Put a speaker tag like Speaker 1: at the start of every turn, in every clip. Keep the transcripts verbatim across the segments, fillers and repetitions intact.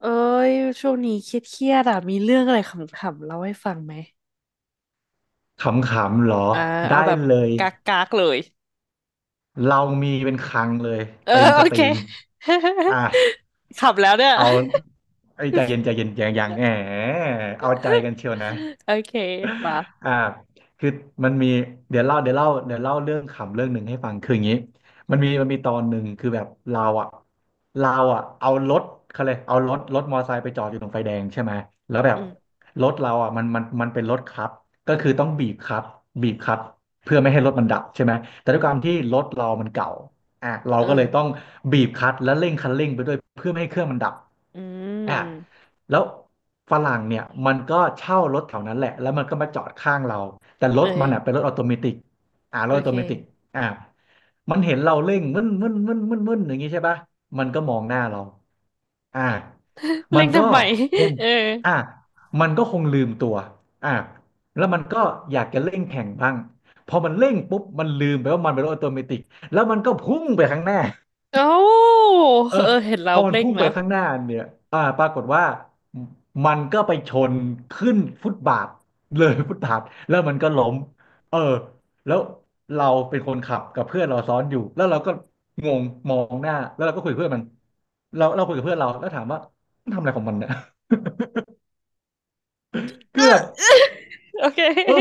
Speaker 1: เอ้ยช่วงนี้เครียดๆอ่ะมีเรื่องอะไรขำๆเล่าให้ฟังไหม
Speaker 2: ขำๆเหรอ
Speaker 1: อ่าเอา
Speaker 2: ได้
Speaker 1: แบบ
Speaker 2: เลย
Speaker 1: กากๆเลย
Speaker 2: เรามีเป็นคลังเลย
Speaker 1: เออ
Speaker 2: เต็ม ส
Speaker 1: โอ
Speaker 2: ต
Speaker 1: เค
Speaker 2: รีมอ่ะ
Speaker 1: ขำแล้วเนี่ย
Speaker 2: เอาไอ้ยใจเย็นใจเย็นยังยังแหมเอาใจกันเชียวนะ
Speaker 1: โอเคป่ะ
Speaker 2: อ่าคือมันมีเดี๋ยวเล่าเดี๋ยวเล่าเดี๋ยวเล่าเรื่องขำเรื่องหนึ่งให้ฟังคืออย่างนี้มันมีมันมีตอนหนึ่งคือแบบเราอ่ะเราอ่ะเอารถเขาเลยเอารถรถมอเตอร์ไซค์ไปจอดอยู่ตรงไฟแดงใช่ไหมแล้วแบ
Speaker 1: อื
Speaker 2: บ
Speaker 1: ม
Speaker 2: รถเราอ่ะมันมันมันเป็นรถคับก็คือต้องบีบคับบีบคับเพื่อไม่ให้รถมันดับใช่ไหมแต่ด้วยความที่รถเรามันเก่าอ่ะเรา
Speaker 1: เอ
Speaker 2: ก็เลยต้อง
Speaker 1: อ
Speaker 2: บีบคลัตช์และเร่งคันเร่งไปด้วยเพื่อไม่ให้เครื่องมันดับ
Speaker 1: อื
Speaker 2: อ่ะ
Speaker 1: ม
Speaker 2: แล้วฝรั่งเนี่ยมันก็เช่ารถแถวนั้นแหละแล้วมันก็มาจอดข้างเราแต่ร
Speaker 1: เออ
Speaker 2: ถมันอ่ะเป็นรถออโตเมติกอ่าร
Speaker 1: โอ
Speaker 2: ถออ
Speaker 1: เค
Speaker 2: โตเมติกอ่ามันเห็นเราเร่งมึนมึนมึนมึนมึนอย่างงี้ใช่ปะมันก็มองหน้าเราอ่า มั
Speaker 1: เร่
Speaker 2: น
Speaker 1: ง
Speaker 2: ก็
Speaker 1: ทำไม
Speaker 2: คง
Speaker 1: เออ
Speaker 2: อ่ามันก็คงลืมตัวอ่าแล้วมันก็อยากจะเร่งแข่งบ้างพอมันเร่งปุ๊บมันลืมไปว่ามันเป็นรถออโตเมติกแล้วมันก็พุ่งไปข้างหน้า
Speaker 1: เอ้า
Speaker 2: เออ
Speaker 1: เออเห็น
Speaker 2: พ
Speaker 1: เรา
Speaker 2: อมัน
Speaker 1: เร่ง
Speaker 2: พุ่งไป
Speaker 1: แล้ว
Speaker 2: ข้างหน้าเนี่ยอ่าปรากฏว่าอืมมันก็ไปชนขึ้นฟุตบาทเลยฟุตบาทแล้วมันก็ล้มเออแล้วเราเป็นคนขับกับเพื่อนเราซ้อนอยู่แล้วเราก็งงมองหน้าแล้วเราก็คุยกับเพื่อนมันเราเราคุยกับเพื่อนเราแล้วถามว่ามันทำอะไรของมันเนี่ย คื
Speaker 1: เอ
Speaker 2: อแบ
Speaker 1: อ
Speaker 2: บ
Speaker 1: โอเค
Speaker 2: เออ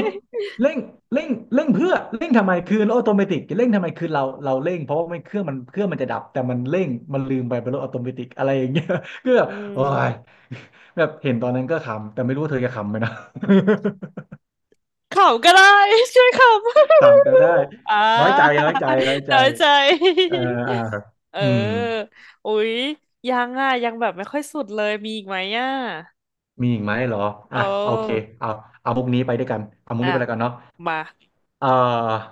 Speaker 2: เร่งเร่งเร่งเพื่อเร่งทำไมคือรถออโตเมติกเร่งทำไมคือเราเราเร่งเพราะว่าไมเครื่องมันเครื่องมันจะดับแต่มันเร่งมันลืมไปเป็นรถออโตเมติกอะไรอย่างเงี้ย ก็แบ บ
Speaker 1: อื
Speaker 2: โอ้
Speaker 1: ม
Speaker 2: ย แบบเห็นตอนนั้นก็ขำแต่ไม่รู้ว่าเธอจะขำไหมนะ
Speaker 1: ขำก็ได้ ช่วยขำ
Speaker 2: ขำก็ได้
Speaker 1: อ่า
Speaker 2: น้อยใจน้อยใจน้อย ใจ
Speaker 1: น้อยใจ
Speaker 2: เอออ่า
Speaker 1: เ
Speaker 2: อืม
Speaker 1: ออ อุ๊ยยังอ่ะยังแบบไม่ค่อยสุดเลยมีอีกไหมอ่ะ
Speaker 2: มีอีกไหมเหรอ
Speaker 1: โอ้
Speaker 2: อ่ะโอเคเอาเอามุกนี้ไปด้วยกันเอามุก
Speaker 1: อ่ะ
Speaker 2: นี้ไปแล้วกันเนาะ
Speaker 1: มา
Speaker 2: เออ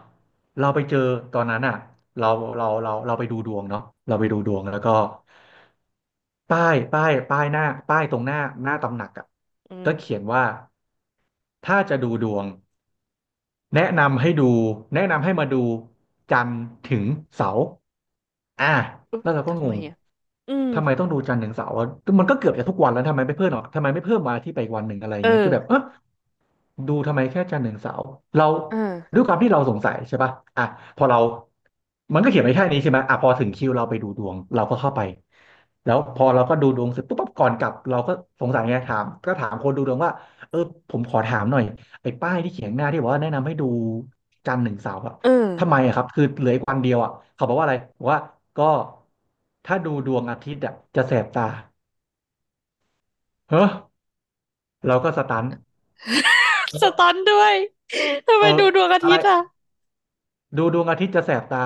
Speaker 2: เราไปเจอตอนนั้นอ่ะเราเราเราเราไปดูดวงเนาะเราไปดูดวงแล้วก็ป้ายป้ายป้ายหน้าป้ายตรงหน้าหน้าตำหนักอ่ะ
Speaker 1: อื
Speaker 2: ก็เขี
Speaker 1: ม
Speaker 2: ยนว่าถ้าจะดูดวงแนะนำให้ดูแนะนำให้มาดูจันทร์ถึงเสาร์อ่ะ
Speaker 1: อุ๊ย
Speaker 2: แล้วเราก็
Speaker 1: ทำ
Speaker 2: ง
Speaker 1: ไม
Speaker 2: ง
Speaker 1: อ่ะอืม
Speaker 2: ทำไมต้องดูจันทร์ถึงเสาร์วะมันก็เกือบจะทุกวันแล้วทำไมไม่เพิ่มหรอกทำไมไม่เพิ่มมาอาที่ไปอีกวันหนึ่งอะไรอ
Speaker 1: เอ
Speaker 2: ย่างเงี้ยคือแบบเอ
Speaker 1: อ
Speaker 2: อ ดูทำไมแค่จันทร์ถึงเสาร์เรา
Speaker 1: เออ
Speaker 2: ด้วยความที่เราสงสัยใช่ป่ะอ่ะพอเรามันก็เขียนไว้แค่นี้ใช่ไหมอ่ะพอถึงคิวเราไปดูดวงเราก็เข้าไปแล้วพอเราก็ดูดวงเสร็จปุ๊บปั๊บก่อนกลับเราก็สงสัยไงถามก็ถามคนดูดวงว่าเออผมขอถามหน่อยไอ้ป้ายที่เขียนหน้าที่บอกว่าแนะนำให้ดูจันทร์ถึงเสาร์อะ
Speaker 1: เออ
Speaker 2: ทำไมอะครับคือเหลืออีกวันเดียวอะเขาบอกว่าอะไรบอกว่าก็ถ้าดูดวงอาทิตย์อะจะแสบตาเฮ้อเราก็สตัน
Speaker 1: ส
Speaker 2: เออ
Speaker 1: ตันด้วย ทำ
Speaker 2: เอ
Speaker 1: ไม
Speaker 2: อ
Speaker 1: ดูดวงอา
Speaker 2: อะไร
Speaker 1: ทิตย์อ่ะ
Speaker 2: ดูดวงอาทิตย์จะแสบตา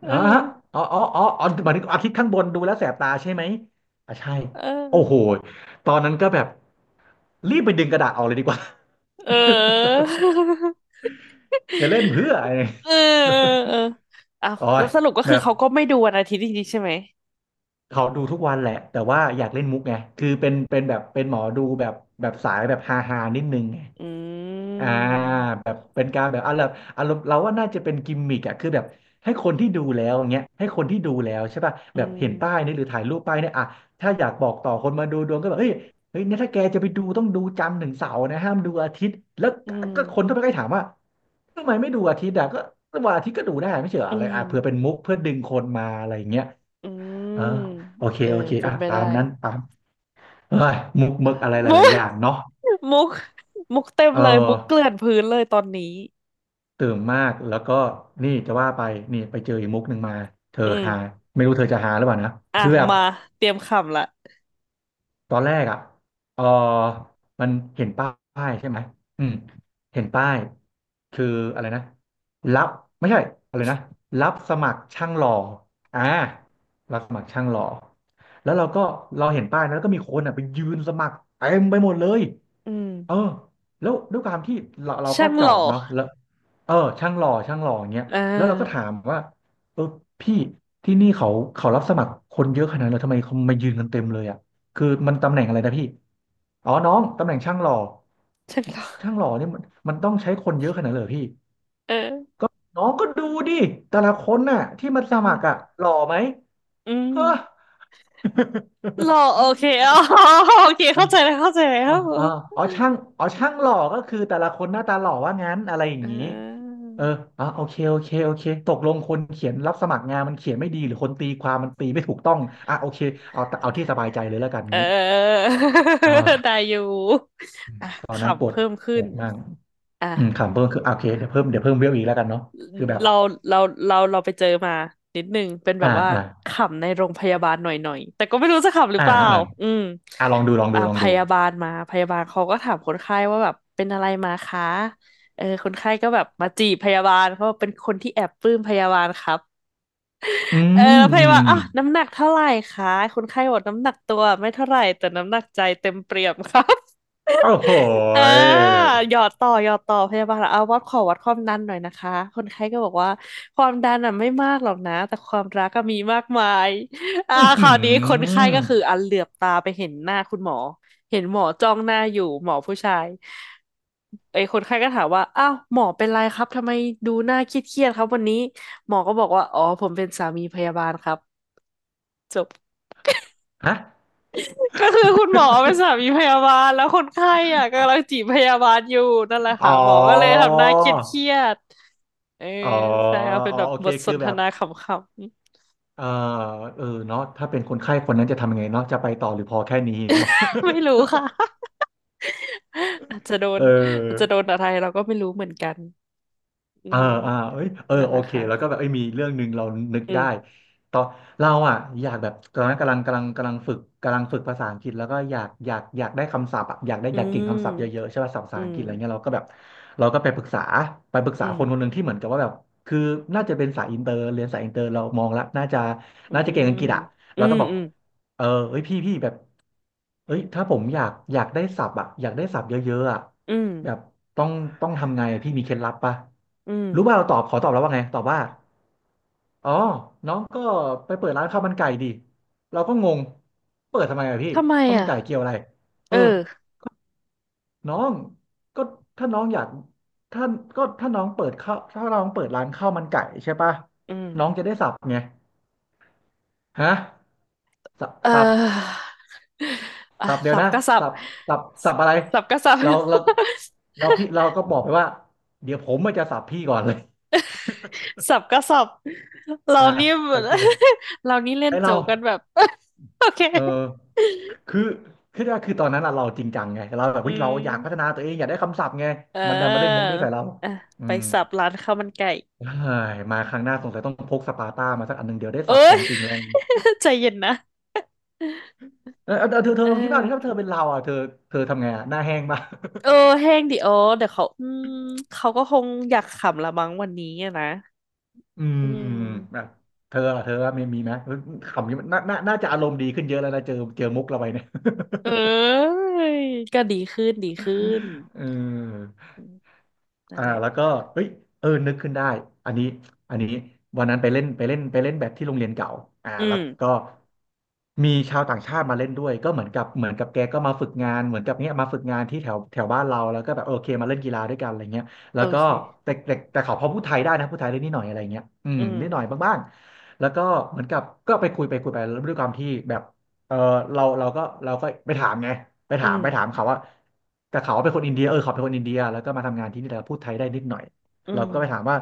Speaker 1: เอ
Speaker 2: อ๋อฮะ
Speaker 1: อ
Speaker 2: อ๋ออ๋ออ๋ออ๋อหมายถึงอาทิตย์ข้างบนดูแล้วแสบตาใช่ไหมอ่ะใช่
Speaker 1: เ
Speaker 2: โอ้โห
Speaker 1: ออ
Speaker 2: ตอนนั้นก็แบบรีบไปดึงกระดาษออกเลยดีกว่า
Speaker 1: เออ
Speaker 2: จะเล่นเพื่ออะไร
Speaker 1: เออเออเออเอา
Speaker 2: โอ้
Speaker 1: แล้
Speaker 2: ย
Speaker 1: วสรุปก็
Speaker 2: แบ
Speaker 1: คือ
Speaker 2: บ
Speaker 1: เขาก็ไม่ดูวันอาทิตย์จริงๆใช่ไหม
Speaker 2: เขาดูทุกวันแหละ แต่ว่าอยากเล่นมุกไง คือเป็นเป็นแบบเป็นหมอดูแบบแบบสายแบบฮาฮานิดนึงไง
Speaker 1: อื
Speaker 2: อ่า
Speaker 1: ม
Speaker 2: แบบเป็นการแบบอารมณ์อารมณ์เราว่าน่าจะเป็นกิมมิกอะคือแบบให้คนที่ดูแล้วอย่างเงี้ยให้คนที่ดูแล้วใช่ป่ะ
Speaker 1: อื
Speaker 2: แบบเห็นป้าย
Speaker 1: ม
Speaker 2: นี้หรือถ่ายรูปป้ายเนี่ยอะถ้าอยากบอกต่อคนมาดูดวงก็แบบเฮ้ยเฮ้ยเนี่ยถ้าแกจะไปดูต้องดูจันทร์ถึงเสาร์นะห้ามดูอาทิตย์แล้ว
Speaker 1: อื
Speaker 2: ก็คน
Speaker 1: ม
Speaker 2: ก็ไปใกล้ถามว่าทำไมไม่ดูอาทิตย์อะก็วันอาทิตย์ก็ดูได้ไม่ใช่เฉยอ
Speaker 1: อื
Speaker 2: อะไร
Speaker 1: ม
Speaker 2: อะเผื่อเป็นมุกเพื่อดึงคนมาอะไรอย่างเงี้ย
Speaker 1: อื
Speaker 2: เออ
Speaker 1: ม
Speaker 2: โอเค
Speaker 1: เออ
Speaker 2: โอเค
Speaker 1: เป็
Speaker 2: อ่ะ
Speaker 1: นไป
Speaker 2: ตา
Speaker 1: ได้
Speaker 2: มนั้นตามเฮ้ยมุกมึกอะไรห
Speaker 1: มุ
Speaker 2: ลา
Speaker 1: ก
Speaker 2: ยๆอย่างเนาะ
Speaker 1: มุกมุกเต็ม
Speaker 2: เออ
Speaker 1: เลยมุกเกลื่อนพื้นเลยตอนนี้
Speaker 2: ตื่นมากแล้วก็นี่จะว่าไปนี่ไปเจออีกมุกหนึ่งมาเธอ
Speaker 1: อืม
Speaker 2: หาไม่รู้เธอจะหาหรือเปล่านะ
Speaker 1: อ่ะ
Speaker 2: คือแบบ
Speaker 1: มาเตรียมคำละ
Speaker 2: ตอนแรกอ่ะเออมันเห็นป้ายใช่ไหมอืมเห็นป้ายคืออะไรนะรับไม่ใช่อะไรนะรับสมัครช่างหล่ออ่ารับสมัครช่างหล่อแล้วเราก็เราเห็นป้ายนะแล้วก็มีคนอ่ะไปยืนสมัครเต็มไปหมดเลย
Speaker 1: อืม
Speaker 2: เออแล้วด้วยความที่เราเราก็
Speaker 1: ช่าง
Speaker 2: จ
Speaker 1: ห
Speaker 2: อ
Speaker 1: ล่อ
Speaker 2: ดเนาะแล้วเออช่างหล่อช่างหล่ออย่างเงี้ย
Speaker 1: อ่
Speaker 2: แล้วเราก็ถา
Speaker 1: า
Speaker 2: มว่าเออพี่ที่นี่เขาเขารับสมัครคนเยอะขนาดนั้นเลยทำไมเขามายืนกันเต็มเลยอ่ะคือมันตำแหน่งอะไรนะพี่อ๋อน้องตำแหน่งช่างหล่อ
Speaker 1: ช่างหล่อ
Speaker 2: ช่างหล่อเนี่ยมันมันต้องใช้คนเยอะขนาดนั้นเลยเหรอพี่
Speaker 1: เออ
Speaker 2: น้องก็ดูดิแต่ละคนน่ะที่มัน
Speaker 1: เอ
Speaker 2: สมัครอ่ะ
Speaker 1: อ
Speaker 2: หล่อไหม
Speaker 1: อืม
Speaker 2: เฮ้
Speaker 1: หล่อโอเคอ๋อโอเค
Speaker 2: อ
Speaker 1: เข้าใจแล้วเข้าใจแล้
Speaker 2: อ๋อ
Speaker 1: ว
Speaker 2: อ๋ออ๋อช่างอ๋อช่างหล่อก็คือแต่ละคนหน้าตาหล่อว่างั้นอะไรอย่าง
Speaker 1: เอ
Speaker 2: นี้
Speaker 1: อ
Speaker 2: เอออ๋อโอเคโอเคโอเค ตกลงคนเขียนรับสมัครงานมันเขียนไม่ดีหรือคนตีความมันตีไม่ถูกต้องอ่ะโอเคเอาเอาที่สบายใจเลยแล้วกัน
Speaker 1: เออ
Speaker 2: งี้
Speaker 1: ได้
Speaker 2: อ่า
Speaker 1: อยู่
Speaker 2: อืม
Speaker 1: อ่ะ
Speaker 2: ตอนนั้นป
Speaker 1: ขำ
Speaker 2: วด
Speaker 1: เพิ่ม
Speaker 2: ป
Speaker 1: ขึ้น
Speaker 2: วดมาก
Speaker 1: อ่ะ
Speaker 2: อืมขำเพิ่มคืออ่ะโอเคเดี๋ยวเพิ่มเดี๋ยวเพิ่มเวลอีกแล้วกันเนาะคือแบบ
Speaker 1: เราเราเราเราไปเจอมานิดนึงเป็นแบบ
Speaker 2: อ่า
Speaker 1: ว่า
Speaker 2: อ่า
Speaker 1: ขำในโรงพยาบาลหน่อยหน่อยแต่ก็ไม่รู้จะขำหรือเป
Speaker 2: อ่า
Speaker 1: ล่า
Speaker 2: อ่า
Speaker 1: อืม
Speaker 2: อ่าลองดูลองดู
Speaker 1: อ่า
Speaker 2: ลอง
Speaker 1: พ
Speaker 2: ดู
Speaker 1: ยาบาลมาพยาบาลเขาก็ถามคนไข้ว่าแบบเป็นอะไรมาคะเออคนไข้ก็แบบมาจีบพยาบาลเขาบอกเป็นคนที่แอบปลื้มพยาบาลครับ
Speaker 2: อื
Speaker 1: เออ
Speaker 2: ม
Speaker 1: แล้วพ
Speaker 2: อื
Speaker 1: ยาบาล
Speaker 2: ม
Speaker 1: อ่ะน้ำหนักเท่าไหร่คะคนไข้บอกน้ำหนักตัวไม่เท่าไหร่แต่น้ำหนักใจเต็มเปี่ยมครับ
Speaker 2: โอ้โห
Speaker 1: อ่า
Speaker 2: ย
Speaker 1: หยอดต่อหยอดต่อพยาบาลเอาวัดขอวัดความดันหน่อยนะคะคนไข้ก็บอกว่าความดันอ่ะไม่มากหรอกนะแต่ความรักก็มีมากมายอ่า
Speaker 2: อื้อ
Speaker 1: ค
Speaker 2: หื
Speaker 1: ราวนี้คนไข้ก็คือ
Speaker 2: อ
Speaker 1: อันเหลือบตาไปเห็นหน้าคุณหมอเห็นหมอจ้องหน้าอยู่หมอผู้ชายไอ้คนไข้ก็ถามว่าอ้าวหมอเป็นไรครับทำไมดูหน้าเครียดๆครับวันนี้ หมอก็บอกว่าอ๋อผมเป็นสามีพยาบาลครับจบ
Speaker 2: ฮะ
Speaker 1: ก็คือคุณหมอเป็นสามีพยาบาลแล้วคนไข้อ่ะกำลังจีบพยาบาลอยู่นั่นแหละ
Speaker 2: อ๋
Speaker 1: ค่ะ
Speaker 2: อ
Speaker 1: หมอก็เลยทำหน้าเครียดๆเออ
Speaker 2: อ๋อ
Speaker 1: ใช่ค่ะเป็น
Speaker 2: อ๋อ
Speaker 1: แบบ
Speaker 2: โอ
Speaker 1: บ
Speaker 2: เค
Speaker 1: ทส
Speaker 2: คือ
Speaker 1: นท
Speaker 2: แบบ
Speaker 1: นาขำ
Speaker 2: เออเออเนาะถ้าเป็นคนไข้คนนั้นจะทำยังไงเนาะจะไปต่อหรือพอแค่นี้เนาะ
Speaker 1: ๆ ไม่รู้ค่ะ อาจจะโด นอาจจะ
Speaker 2: เออ
Speaker 1: โดนอะไรเราก็ไม่รู้เหมือนกันอื
Speaker 2: อ่า
Speaker 1: ม
Speaker 2: อ่าเอ้ยเออ
Speaker 1: นั่นแห
Speaker 2: โอ
Speaker 1: ละ
Speaker 2: เค
Speaker 1: ค่ะ
Speaker 2: แล้วก็แบบเอ้ยมีเรื่องหนึ่งเรานึก
Speaker 1: อื
Speaker 2: ได้
Speaker 1: ม
Speaker 2: ตอนเราอ่ะอยากแบบตอนนั้นกำลังกำลังกำลังฝึกกำลังฝึกภาษาอังกฤษแล้วก็อยากอยากอยากได้คำศัพท์อะอยากได้
Speaker 1: อื
Speaker 2: อยากเก่งคำศัพท์เยอะ
Speaker 1: ม
Speaker 2: ๆใช่ป่ะศัพท์ภา
Speaker 1: อื
Speaker 2: ษาอัง
Speaker 1: ม
Speaker 2: กฤษอะไรเงี้ยเราก็แบบเราก็ไปปรึกษาไปปรึก
Speaker 1: อื
Speaker 2: ษา
Speaker 1: ม
Speaker 2: คนคนหนึ่งที่เหมือนกับว่าแบบคือน่าจะเป็นสายอินเตอร์เรียนสายอินเตอร์เรามองแล้วน่าจะ
Speaker 1: อื
Speaker 2: น่าจะเก่งอังก
Speaker 1: ม
Speaker 2: ฤษอ่ะ
Speaker 1: อื
Speaker 2: เรา
Speaker 1: ม
Speaker 2: ก็บอก
Speaker 1: อืม
Speaker 2: เออเฮ้ยพี่พี่แบบ เอ้ยถ้าผมอยากอยากได้ศัพท์อะอยากได้ศัพท์เยอะๆอะ
Speaker 1: อืม
Speaker 2: แบบต้องต้องทำไงอะพี่มีเคล็ดลับปะ
Speaker 1: อืม
Speaker 2: รู้ป่ะเราตอบขอตอบแล้วว่าไงตอบว่าอ๋อน้องก็ไปเปิดร้านข้าวมันไก่ดิเราก็งงเปิดทำไมอะพี่
Speaker 1: ทำไม
Speaker 2: ข้าวมัน
Speaker 1: อ่ะ
Speaker 2: ไก่เกี่ยวอะไรเอ
Speaker 1: เอ
Speaker 2: อ
Speaker 1: อ
Speaker 2: น้องก็ถ้าน้องอยากถ้าก็ถ้าน้องเปิดข้าวถ้าน้องเปิดร้านข้าวมันไก่ใช่ปะ
Speaker 1: อืม
Speaker 2: น้องจะได้สับไงฮะส
Speaker 1: เ
Speaker 2: ัพ
Speaker 1: อออ่ะ
Speaker 2: สับเดี๋ย
Speaker 1: สั
Speaker 2: ว
Speaker 1: บ
Speaker 2: นะ
Speaker 1: ก็สับ
Speaker 2: สับสับสับอะไร
Speaker 1: สับก็สับ
Speaker 2: เราเรา เราพี่เราก็บอกไปว่าเดี๋ยวผมมันจะสับพี่ก่อนเลย
Speaker 1: สับก็สับ เรา
Speaker 2: อ่า
Speaker 1: นี่
Speaker 2: โอเค
Speaker 1: เรานี่เล่
Speaker 2: ไอ
Speaker 1: นโจ
Speaker 2: เรา
Speaker 1: กกันแบบ โอเค
Speaker 2: เออคือคือว่าคือตอนนั้นอะเราจริงจังไงเราแบบ
Speaker 1: อื
Speaker 2: เฮ้ยเราอยากพัฒนา
Speaker 1: ม
Speaker 2: ตัวเองอยากได้คำศัพท์ไง
Speaker 1: เอ
Speaker 2: มันดันมาเล่นมุก
Speaker 1: อ
Speaker 2: นี้ใส่เรา
Speaker 1: อ่ะ
Speaker 2: อื
Speaker 1: ไป
Speaker 2: ม
Speaker 1: สับร้านข้าวมันไก่
Speaker 2: เฮ้ยมาครั้งหน้าสงสัยต้องพกสปาร์ตามาสักอันหนึ่งเดี๋ยวได้
Speaker 1: เอ้
Speaker 2: สับขอ
Speaker 1: ย
Speaker 2: งจริงแล้วอย่างนี้
Speaker 1: ใจเย็นนะ
Speaker 2: เออเออเธอเธอ
Speaker 1: เอ
Speaker 2: ลองคิดบ้างดิถ้า
Speaker 1: อ
Speaker 2: เธอเป็นเราอ่ะเธอเธอทำไงอ่ะหน้าแห้งป่ะ
Speaker 1: เออแห้งดิโอเดี๋ยวเขาอืมเขาก็คงอยากขำละมั้งวันนี้อะนะ
Speaker 2: อืม
Speaker 1: อื
Speaker 2: แบบ
Speaker 1: ม
Speaker 2: เธอล่ะเธอว่ามีมีไหมคำนี้มันน่าน่าน่าจะอารมณ์ดีขึ้นเยอะแล้วนะเจอเจอมุกเราไปเนี่ย
Speaker 1: เอ้ยก็ดีขึ้นดีขึ้น
Speaker 2: เออ
Speaker 1: อืมนั่น
Speaker 2: อ่า
Speaker 1: แหละ
Speaker 2: แล้วก็เฮ้ยเออนึกขึ้นได้อันนี้อันนี้วันนั้นไปเล่นไปเล่นไปเล่นแบดที่โรงเรียนเก่าอ่า
Speaker 1: อื
Speaker 2: แล้ว
Speaker 1: ม
Speaker 2: ก็มีชาวต่างชาติมาเล่นด้วยก็เหมือนกับเหมือนกับแกก็มาฝึกงานเหมือนกับเนี้ยมาฝึกงานที่แถวแถวบ้านเราแล้วก็แบบโอเคมาเล่นกีฬาด้วยกันอะไรเงี้ยแล้
Speaker 1: โอ
Speaker 2: วก็
Speaker 1: เค
Speaker 2: แต่แต่แต่เขาพอพูดไทยได้นะพูดไทยได้นิดหน่อยอะไรเงี้ยอืม
Speaker 1: อืม
Speaker 2: นิดหน่อยบ้างๆแล้วก็เหมือนกับก็ไปคุยไปคุยไปแล้วด้วยความที่แบบ เออเราเราก็เราก็ไปถามไงไป
Speaker 1: อื
Speaker 2: ถามไปถา
Speaker 1: ม
Speaker 2: มเขาว่าแต่เขาเป็นคนอินเดียเออเขาเป็นคนอินเดียแล้วก็มาทำงานที่นี่แล้วพูดไทยได้นิดหน่อย
Speaker 1: อื
Speaker 2: เรา
Speaker 1: ม
Speaker 2: ก็ไปถามว่า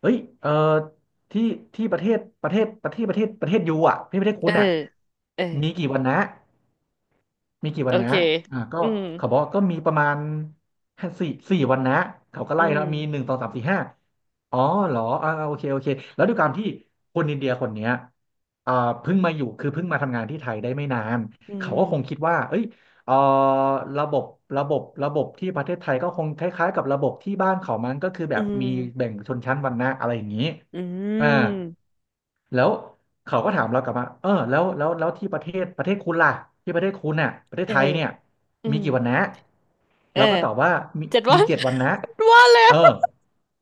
Speaker 2: เฮ้ยเออที่ที่ประเทศประเทศประเทศประเทศประเทศยูอ่ะที่ประเทศ
Speaker 1: เอ
Speaker 2: คุ
Speaker 1: อ
Speaker 2: ณอ่ะ
Speaker 1: เออ
Speaker 2: มีกี่วันนะ มีกี่
Speaker 1: โอ
Speaker 2: วันนะ
Speaker 1: เค
Speaker 2: อ่าก็
Speaker 1: อืม
Speaker 2: เขาบอกว่าก็มีประมาณ้าสี่สี่วันนะเขาก็
Speaker 1: อื
Speaker 2: ไล่
Speaker 1: ม
Speaker 2: เนาะมีหนึ่งสองสามสี่ห้าอ๋อเหรออ่าโอเคโอเคแล้วด้วยความที่คนอินเดียคนเนี้ยอ่าเพิ่งมาอยู่คือเพิ่งมาทำงานที่ไทยได้ไม่นาน
Speaker 1: อื
Speaker 2: เขาก็
Speaker 1: ม
Speaker 2: คงคิดว่าเอ้ยเอ่อระบบระบบระบบที่ประเทศไทยก็คงคล้ายๆกับระบบที่บ้านเขามันก็คือแบ
Speaker 1: อื
Speaker 2: บมีแบ่
Speaker 1: ม
Speaker 2: งชนชั้นวรรณะอะไรอย่างนี้
Speaker 1: อื
Speaker 2: อ่า
Speaker 1: ม
Speaker 2: แล้วเขาก็ถามเรากลับมาเออแล้วแล้วแล้วที่ประเทศประเทศคุณล่ะที่ประเทศคุณน่ะประเทศ
Speaker 1: เออ
Speaker 2: ไทยเนี่ย
Speaker 1: อื
Speaker 2: มี
Speaker 1: ม
Speaker 2: กี่วันนะ
Speaker 1: เออ
Speaker 2: เราก็ตอบว่ามี
Speaker 1: เจ็ดวั
Speaker 2: มี
Speaker 1: น
Speaker 2: เจ็ดวันนะ
Speaker 1: ว่าแล้
Speaker 2: เอ
Speaker 1: ว
Speaker 2: อ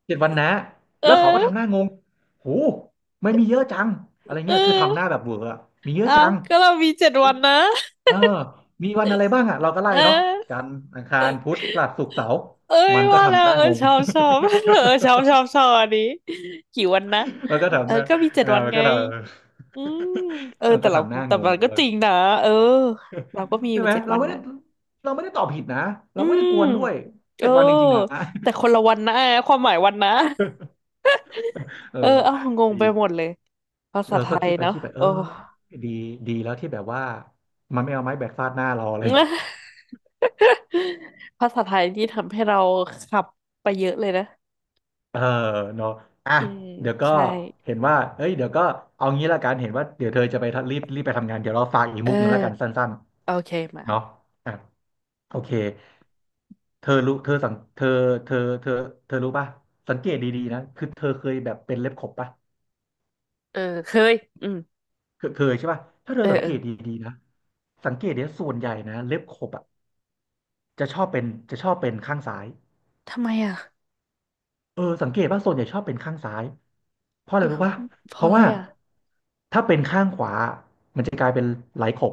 Speaker 2: เจ็ดวันนะ
Speaker 1: เอ
Speaker 2: แล้วเขาก็ทำห
Speaker 1: อ
Speaker 2: น้างงโหไม่มีเยอะจังอะไร
Speaker 1: เ
Speaker 2: เงี้ยคือทำหน้า
Speaker 1: ออ
Speaker 2: แบบเบื่ออะมีเยอะ
Speaker 1: อ้า
Speaker 2: จั
Speaker 1: ว
Speaker 2: ง
Speaker 1: ก็เรามีเจ็ด
Speaker 2: มี
Speaker 1: วันนะ
Speaker 2: เออมีวันอะไรบ้างอ่ะเราก็ไล่
Speaker 1: เ
Speaker 2: เนาะ
Speaker 1: ออ
Speaker 2: จันทร์อังคารพุธพฤหัสศุกร์เสาร์
Speaker 1: เอ้ย
Speaker 2: มันก็
Speaker 1: ว่าแล้
Speaker 2: ทำห
Speaker 1: ว
Speaker 2: น้าง
Speaker 1: เออ
Speaker 2: ง
Speaker 1: ชอบชอบ เออชอบชอบชอบอันนี้กี่วันนะ
Speaker 2: มันก็
Speaker 1: เออ
Speaker 2: ทำหน้า
Speaker 1: ก็มีเจ็
Speaker 2: เอ
Speaker 1: ด
Speaker 2: อ
Speaker 1: วัน
Speaker 2: มัน
Speaker 1: ไง
Speaker 2: ก็ท
Speaker 1: อืมเออ
Speaker 2: ำมัน
Speaker 1: แต่
Speaker 2: ก็
Speaker 1: เรา
Speaker 2: ทำหน้า
Speaker 1: แต่
Speaker 2: งง
Speaker 1: มั
Speaker 2: อย่า
Speaker 1: น
Speaker 2: งนี้
Speaker 1: ก็
Speaker 2: เลย
Speaker 1: จริงนะเออเราก็มีอ
Speaker 2: ใช่
Speaker 1: ยู่
Speaker 2: ไหม
Speaker 1: เจ็ด
Speaker 2: เรา
Speaker 1: วัน
Speaker 2: ไม่ได้
Speaker 1: นะ
Speaker 2: เราไม่ได้ตอบผิดนะ เรา
Speaker 1: อื
Speaker 2: ไม่ได้
Speaker 1: ม
Speaker 2: กวนด้วย
Speaker 1: เอ
Speaker 2: เจ็
Speaker 1: อ
Speaker 2: ดวันจริงๆนะ
Speaker 1: แต่ค นละวันนะความหมายวันนะ
Speaker 2: เออ
Speaker 1: เออเอางง
Speaker 2: ดี
Speaker 1: ไปหมดเลยภา
Speaker 2: เอ
Speaker 1: ษา
Speaker 2: อ
Speaker 1: ไท
Speaker 2: ก็
Speaker 1: ย
Speaker 2: คิดไป
Speaker 1: เนาะ
Speaker 2: คิดไปเอ
Speaker 1: โอ้
Speaker 2: อดีดีแล้วที่แบบว่ามันไม่เอาไม้แบกฟาดหน้าเราเลย
Speaker 1: ภาษาไทยที่ทำให้เราขับไปเยอะเลยนะ
Speaker 2: เออเนาะอ่ะ
Speaker 1: อืม
Speaker 2: เดี๋ยวก็
Speaker 1: ใช่
Speaker 2: เห็นว่าเอ้ยเดี๋ยวก็เอางี้ละกันเห็นว่าเดี๋ยวเธอจะไปทะรีบรีบไปทำงาน เดี๋ยวเราฝากอีก
Speaker 1: เออ
Speaker 2: มุกหนึ่งละกันสั้น
Speaker 1: โอเคมา
Speaker 2: ๆเนาะอ่ะ โอเคเธอรู้เธอสังเธอเธอเธอเธอรู้ป่ะสังเกตดีๆนะคือเธอเคยแบบเป็นเล็บขบป่ะ
Speaker 1: เออเคยอืม
Speaker 2: เคยเคยใช่ป่ะถ้าเธอ
Speaker 1: เออ
Speaker 2: สัง
Speaker 1: เอ
Speaker 2: เก
Speaker 1: อ
Speaker 2: ตดีๆนะสังเกตเนี่ยส่วนใหญ่นะเล็บขบอ่ะจะชอบเป็นจะชอบเป็นข้างซ้าย
Speaker 1: ทำไมอ่ะ
Speaker 2: เออสังเกตว่าส่วนใหญ่ชอบเป็นข้างซ้ายเพราะอะ
Speaker 1: เอ
Speaker 2: ไร
Speaker 1: อ
Speaker 2: รู้ป่ะ
Speaker 1: เพ
Speaker 2: เพ
Speaker 1: ราะ
Speaker 2: ราะ
Speaker 1: อะไร
Speaker 2: ว่า
Speaker 1: อ่ะ
Speaker 2: ถ้าเป็นข้างขวามันจะกลายเป็นไหลขบ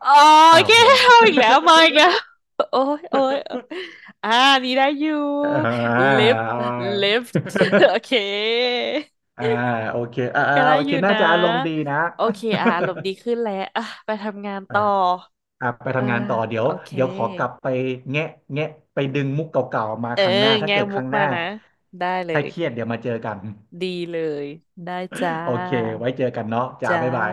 Speaker 1: โอ
Speaker 2: อ้าว
Speaker 1: เค
Speaker 2: งง
Speaker 1: เอาอีกแล้วมาอีกแล้วโอ้ยโอ้ยอ่านี่ได้อยู่
Speaker 2: อ่า
Speaker 1: lift lift โอเค
Speaker 2: อ่าโอเคอ่าอ่า
Speaker 1: ก็ได้
Speaker 2: โอ
Speaker 1: อ
Speaker 2: เค
Speaker 1: ยู่
Speaker 2: น่า
Speaker 1: นะ
Speaker 2: จะอารมณ์ดีนะ
Speaker 1: โอเคอ่ะอารมณ์ดีขึ้นแล้วอ่ะไปทำงาน
Speaker 2: อ่า
Speaker 1: ต่อ
Speaker 2: อ่ะไป
Speaker 1: เออ
Speaker 2: ทำงานต่อเดี๋ยว
Speaker 1: โอเค
Speaker 2: เดี๋ยวขอกลับไปแงะแงะไปดึงมุกเก่าๆมา
Speaker 1: เออ
Speaker 2: ครั้งหน้าถ้า
Speaker 1: แง่
Speaker 2: เกิดค
Speaker 1: มุก
Speaker 2: รั้งห
Speaker 1: มา
Speaker 2: น้า
Speaker 1: นะได้เล
Speaker 2: ถ้า
Speaker 1: ย
Speaker 2: เครียดเดี๋ยวมาเจอกัน
Speaker 1: ดีเลยได้จ้า
Speaker 2: โอเคไว้เจอกันเนาะจ้า
Speaker 1: จ้า
Speaker 2: บ๊ายบาย